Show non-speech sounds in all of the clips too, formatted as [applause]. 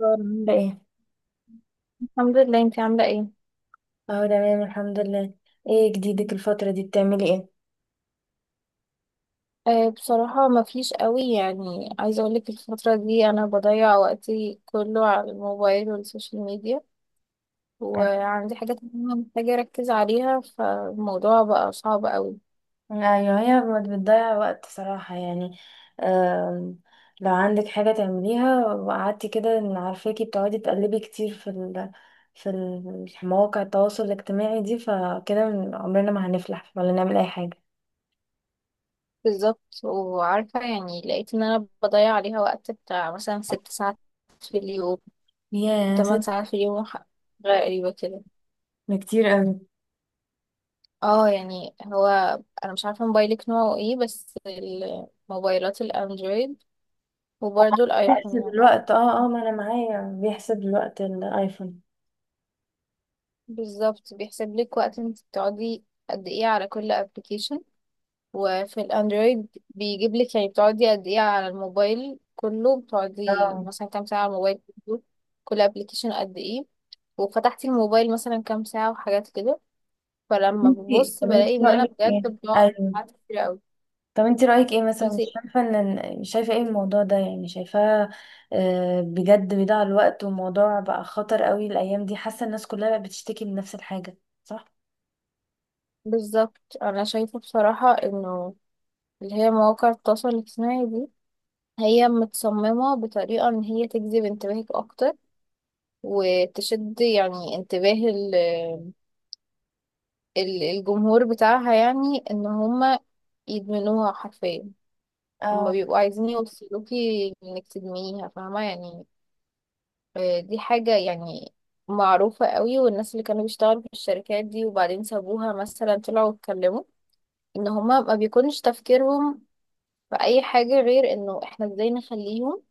أخبار عاملة ايه؟ الحمد لله. انت عاملة ايه؟ اه، تمام، الحمد لله. ايه جديدك الفترة دي بتعملي ايه؟ بصراحة ما فيش قوي، يعني عايزة اقولك الفترة دي انا بضيع وقتي كله على الموبايل والسوشيال ميديا. آه، وعندي حاجات مهمة محتاجة اركز عليها، فالموضوع بقى صعب قوي. ايوه، هي بتضيع وقت صراحة يعني. آم، لو عندك حاجة تعمليها وقعدتي كده، إن عارفاكي بتقعدي تقلبي كتير في مواقع التواصل الاجتماعي دي، فكده عمرنا ما هنفلح ولا نعمل اي حاجة. بالظبط، وعارفة يعني لقيت ان انا بضيع عليها وقت بتاع مثلا 6 ساعات في اليوم. يا تمن ست، ساعات في اليوم، حاجة غريبة كده. ده كتير قوي. اه يعني هو، انا مش عارفة موبايلك نوعه ايه بس، الموبايلات الاندرويد وبرضه بيحسب الايفون. الوقت، ما انا معايا بيحسب الوقت الايفون. بالظبط، بيحسب لك وقت انت بتقعدي قد ايه على كل ابلكيشن. وفي الاندرويد بيجيب لك، يعني بتقعدي قد ايه على الموبايل كله، بتقعدي اه، مثلا كام ساعة على الموبايل كله، كل ابلكيشن قد ايه، وفتحتي الموبايل مثلا كام ساعة وحاجات كده. طب فلما انتي ببص طب بلاقي انتي ان انا رأيك ايه؟ بجد بقعد ايوه، ساعات كتير قوي. طب انت رأيك ايه مثلا؟ قلت مش إيه؟ شايفة شايفة ايه الموضوع ده؟ يعني شايفاه بجد بيضيع الوقت، وموضوع بقى خطر قوي الايام دي. حاسة الناس كلها بقت بتشتكي من نفس الحاجة. صح. بالظبط، انا شايفة بصراحة انه اللي هي مواقع التواصل الاجتماعي دي، هي متصممة بطريقة ان هي تجذب انتباهك اكتر، وتشد يعني انتباه الجمهور بتاعها، يعني ان هما يدمنوها حرفيا. هما اه، بيبقوا عايزين يوصلوكي انك تدمنيها، فاهمة يعني. دي حاجة يعني معروفة قوي، والناس اللي كانوا بيشتغلوا في الشركات دي وبعدين سابوها مثلا طلعوا اتكلموا ان هما ما بيكونش تفكيرهم في اي حاجة غير انه احنا ازاي نخليهم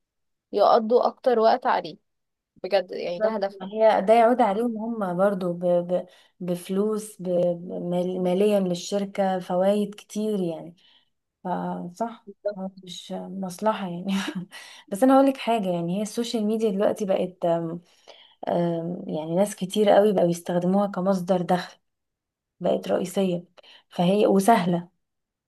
يقضوا اكتر وقت عليه. بجد يعني ده بالظبط، ما هدفهم. هي ده يعود فاهمة. عليهم هم برضو بفلوس، ماليا للشركة فوائد كتير يعني. فصح، بالظبط هو مش مصلحة يعني. [laughs] بس أنا هقولك حاجة، يعني هي السوشيال ميديا دلوقتي بقت، آم، آم، يعني ناس كتير قوي بقوا يستخدموها كمصدر دخل. بقت رئيسية، فهي وسهلة،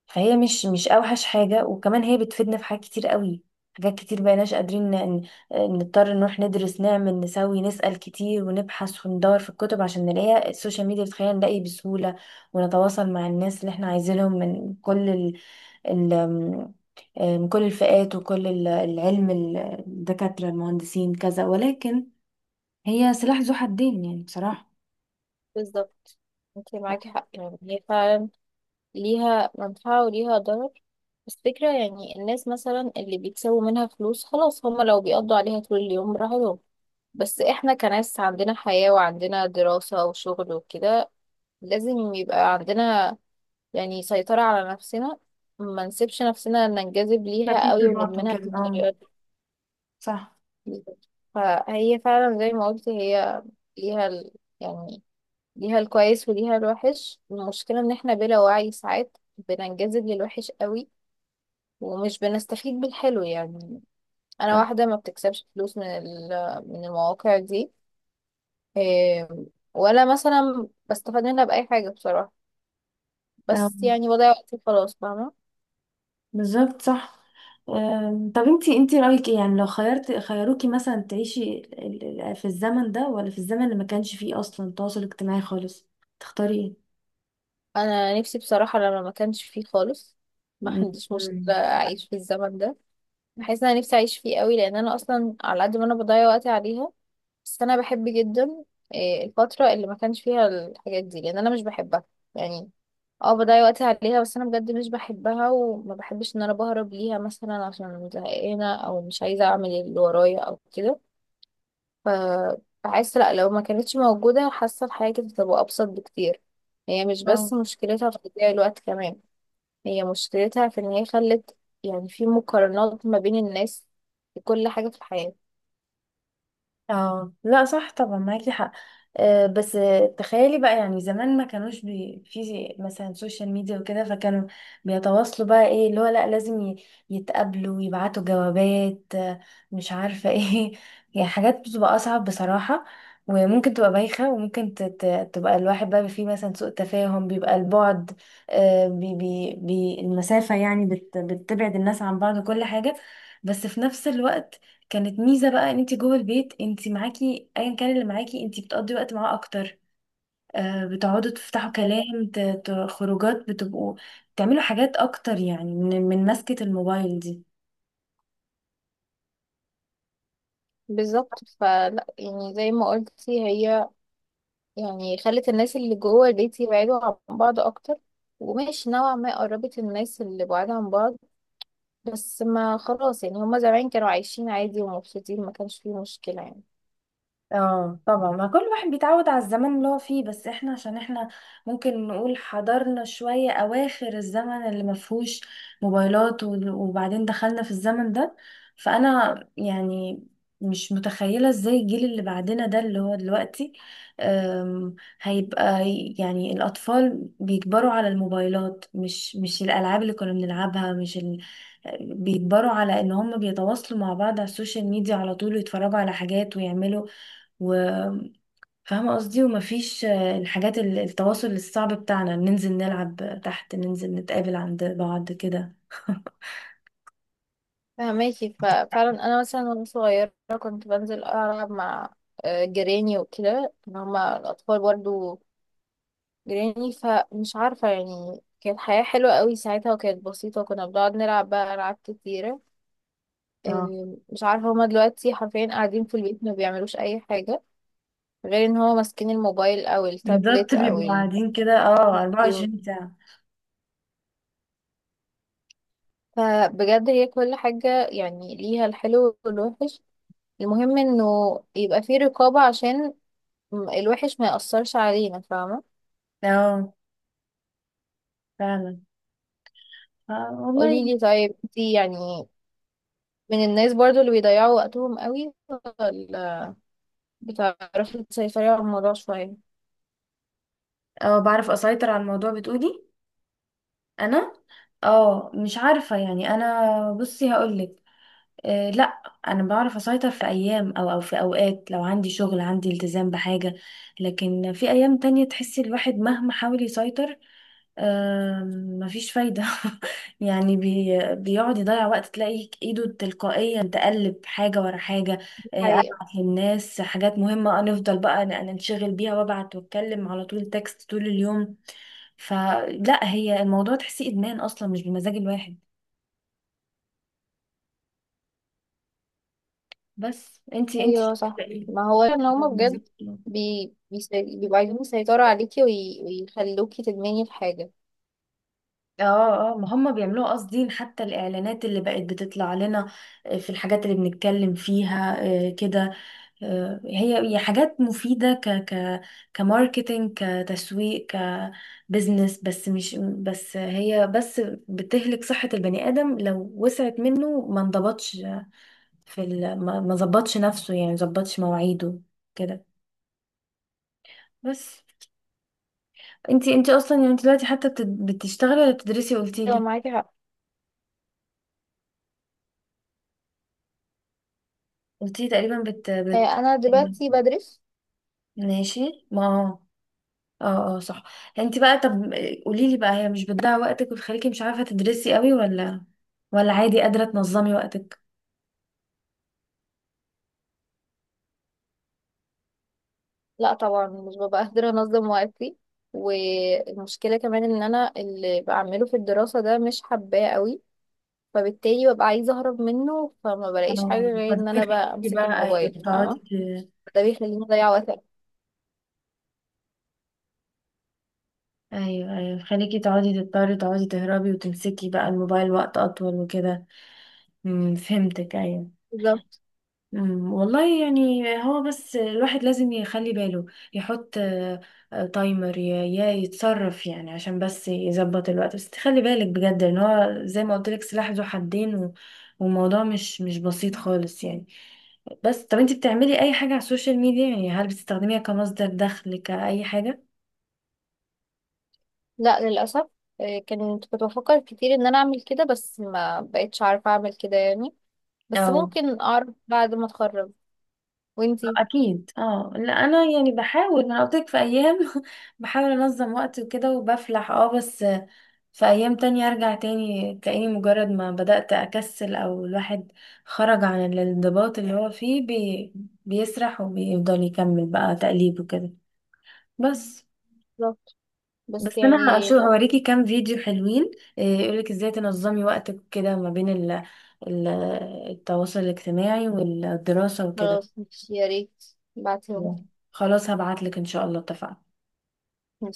فهي مش أوحش حاجة، وكمان هي بتفيدنا في حاجات كتير قوي. حاجات كتير بقيناش قادرين نضطر نروح ندرس نعمل نسوي، نسأل كتير ونبحث وندور في الكتب عشان نلاقيها. السوشيال ميديا بتخلينا نلاقي بسهولة ونتواصل مع الناس اللي احنا عايزينهم من كل ال... ال... آم، آه، من كل الفئات، وكل العلم، الدكاترة، المهندسين، كذا. ولكن هي سلاح ذو حدين يعني بصراحة. بالظبط. انت معاكي حق، يعني هي فعلا ليها منفعة وليها ضرر. بس فكرة يعني الناس مثلا اللي بيكسبوا منها فلوس خلاص، هما لو بيقضوا عليها طول اليوم براحتهم. بس احنا كناس عندنا حياة وعندنا دراسة وشغل وكده، لازم يبقى عندنا يعني سيطرة على نفسنا، ما نسيبش نفسنا ننجذب ما ليها في قوي خبرات وندمنها وكده، اه، بالطريقة دي. صح. فهي فعلا زي ما قلت، هي ليها ال... يعني ليها الكويس وليها الوحش. المشكلة ان احنا بلا وعي ساعات بننجذب للوحش قوي، ومش بنستفيد بالحلو يعني. انا واحده ما بتكسبش فلوس من من المواقع دي، إيه، ولا مثلا بستفاد منها باي حاجه بصراحه. بس آه، يعني بضيع وقتي خلاص، فاهمه. بالظبط، صح. طب انتي رأيك ايه يعني لو خيروكي مثلا تعيشي في الزمن ده ولا في الزمن اللي ما كانش فيه اصلا تواصل اجتماعي خالص، تختاري انا نفسي بصراحه لما ما كانش فيه خالص، ما ايه؟ عنديش مشكله اعيش في الزمن ده. بحس ان انا نفسي اعيش فيه قوي، لان انا اصلا على قد ما انا بضيع وقتي عليها. بس انا بحب جدا الفتره اللي ما كانش فيها الحاجات دي، لان انا مش بحبها يعني. اه بضيع وقتي عليها، بس انا بجد مش بحبها، وما بحبش ان انا بهرب ليها مثلا عشان زهقانه او مش عايزه اعمل اللي ورايا او كده. ف بحس لا، لو ما كانتش موجوده حاسه الحياه كانت هتبقى ابسط بكتير. هي مش مم. بس مشكلتها في تضييع الوقت، كمان هي مشكلتها في ان هي خلت يعني في مقارنات ما بين الناس في كل حاجه في الحياه. اه لا، صح طبعا، معاكي حق. بس تخيلي بقى يعني زمان ما كانوش في مثلا سوشيال ميديا وكده، فكانوا بيتواصلوا بقى ايه؟ اللي هو لا، لازم يتقابلوا، يبعتوا جوابات، مش عارفة ايه. [laughs] يعني حاجات بتبقى أصعب بصراحة، وممكن تبقى بايخة، وممكن تبقى الواحد بقى فيه مثلا سوء تفاهم، بيبقى البعد، آه، بي بي بي المسافة يعني بتبعد الناس عن بعض وكل حاجة. بس في نفس الوقت كانت ميزة بقى، ان انت جوه البيت انت معاكي ايا كان اللي معاكي، انت بتقضي وقت معاه اكتر. بتقعدوا تفتحوا كلام، خروجات، بتبقوا تعملوا حاجات اكتر يعني، من مسكة الموبايل دي. بالظبط، فلا يعني زي ما قلتي، هي يعني خلت الناس اللي جوه البيت يبعدوا عن بعض اكتر، وماشي نوعا ما قربت الناس اللي بعاد عن بعض. بس ما خلاص يعني، هما زمان كانوا عايشين عادي ومبسوطين، ما كانش فيه مشكلة يعني. اه طبعا، ما كل واحد بيتعود على الزمن اللي هو فيه. بس احنا عشان احنا ممكن نقول حضرنا شوية اواخر الزمن اللي ما فيهوش موبايلات، وبعدين دخلنا في الزمن ده، فانا يعني مش متخيلة ازاي الجيل اللي بعدنا ده اللي هو دلوقتي، أم، هيبقى يعني الاطفال بيكبروا على الموبايلات، مش الالعاب اللي كنا بنلعبها، مش بيكبروا على ان هم بيتواصلوا مع بعض على السوشيال ميديا على طول، ويتفرجوا على حاجات ويعملوا، وفاهمة قصدي. ومفيش الحاجات التواصل الصعب بتاعنا، ننزل نلعب تحت، ننزل نتقابل عند بعض كده. [laughs] فهماكي، ففعلا انا مثلا وانا صغيرة كنت بنزل العب مع جيراني وكده، إن هما الاطفال برضو جيراني، فمش عارفة يعني كانت حياة حلوة قوي ساعتها وكانت بسيطة، وكنا بنقعد نلعب بقى ألعاب كتيرة. اه مش عارفة هما دلوقتي حرفيا قاعدين في البيت ما بيعملوش أي حاجة غير ان هو ماسكين الموبايل او التابلت بالظبط، او بيبقوا قاعدين كده، الفيديو. 24 ساعة. فبجد هي كل حاجة يعني ليها الحلو والوحش، المهم انه يبقى في رقابة عشان الوحش ما يأثرش علينا، فاهمة. اه فعلا. آه والله. قوليلي طيب، انتي يعني من الناس برضو اللي بيضيعوا وقتهم قوي، ولا بتعرفي تسيطري على الموضوع شوية؟ اه، بعرف اسيطر على الموضوع، بتقولي؟ انا، اه، مش عارفة يعني. انا بصي هقولك، آه لا، انا بعرف اسيطر في ايام، او او في اوقات لو عندي شغل، عندي التزام بحاجة. لكن في ايام تانية تحسي الواحد مهما حاول يسيطر، مفيش فايدة. [laughs] يعني بيقعد يضيع وقت، تلاقي ايده تلقائيا تقلب حاجة ورا حاجة، ابعت للناس حاجات مهمة، نفضل بقى ننشغل بيها، وابعت واتكلم على طول تكست طول اليوم. فلا، هي الموضوع تحسيه ادمان اصلا، مش بمزاج الواحد. بس انتي ايوه شايفة صح، إيه؟ ما هو ان هما بجد بيبقوا عايزين يسيطروا عليكي ويخلوكي تدمني الحاجة. اه اه، ما هم بيعملوها قاصدين، حتى الاعلانات اللي بقت بتطلع لنا في الحاجات اللي بنتكلم فيها كده. هي حاجات مفيدة، ك ك كماركتينج، كتسويق، كبزنس. بس مش بس هي بس، بتهلك صحة البني آدم لو وسعت منه ما انضبطش، في ال ما ظبطش نفسه، يعني ما ظبطش مواعيده كده. بس انتي اصلا، يعني انتي دلوقتي حتى بتشتغلي ولا بتدرسي، ايوه قلتيلي معاكي حق. قلتيلي تقريبا بت بت آه، انا دلوقتي بدرس. ماشي. ما اه اه، صح. انت بقى، طب قولي لي بقى، هي مش بتضيع وقتك وتخليكي مش عارفة تدرسي قوي، ولا عادي قادرة تنظمي وقتك؟ لا طبعا مش ببقى قادرة انظم وقتي، والمشكلة كمان ان انا اللي بعمله في الدراسة ده مش حباه قوي، فبالتالي ببقى عايزة اهرب منه، فما بلاقيش آه. حاجة غير فده ان انا بقى يخليكي امسك بقى ايوه الموبايل، تقعدي فاهمة. ده بيخليني اضيع وقت أكتر. ايوه ايوه، خليكي تقعدي تضطري تقعدي تهربي وتمسكي بقى الموبايل وقت اطول وكده. فهمتك، ايوه. بالظبط. والله يعني هو بس الواحد لازم يخلي باله، يحط تايمر، يا يتصرف يعني، عشان بس يظبط الوقت، بس تخلي بالك بجد ان هو زي ما قلت لك سلاح ذو حدين، والموضوع مش بسيط خالص يعني. بس طب، انت بتعملي اي حاجة على السوشيال ميديا يعني؟ هل بتستخدميها كمصدر دخل كأي حاجة؟ لا للأسف. آه، كنت بفكر كتير ان انا اعمل كده، بس ما بقتش عارفة اعمل كده يعني. بس اه ممكن اعرف بعد ما اتخرج. وانتي؟ اكيد. اه لا، انا يعني بحاول، ما انا قلت لك في ايام، [laughs] بحاول انظم وقتي وكده وبفلح، اه بس في ايام تانية ارجع تاني، تلاقيني مجرد ما بدأت اكسل، او الواحد خرج عن الانضباط اللي هو فيه، بيسرح وبيفضل يكمل بقى تقليب وكده. بس بالظبط. بس بس انا يعني هشوف هوريكي كام فيديو حلوين، إيه، يقولك ازاي تنظمي وقتك كده ما بين ال- التواصل الاجتماعي والدراسة وكده. خلاص ماشي، يا ريت بعتهم. خلاص هبعتلك، ان شاء الله، اتفقنا.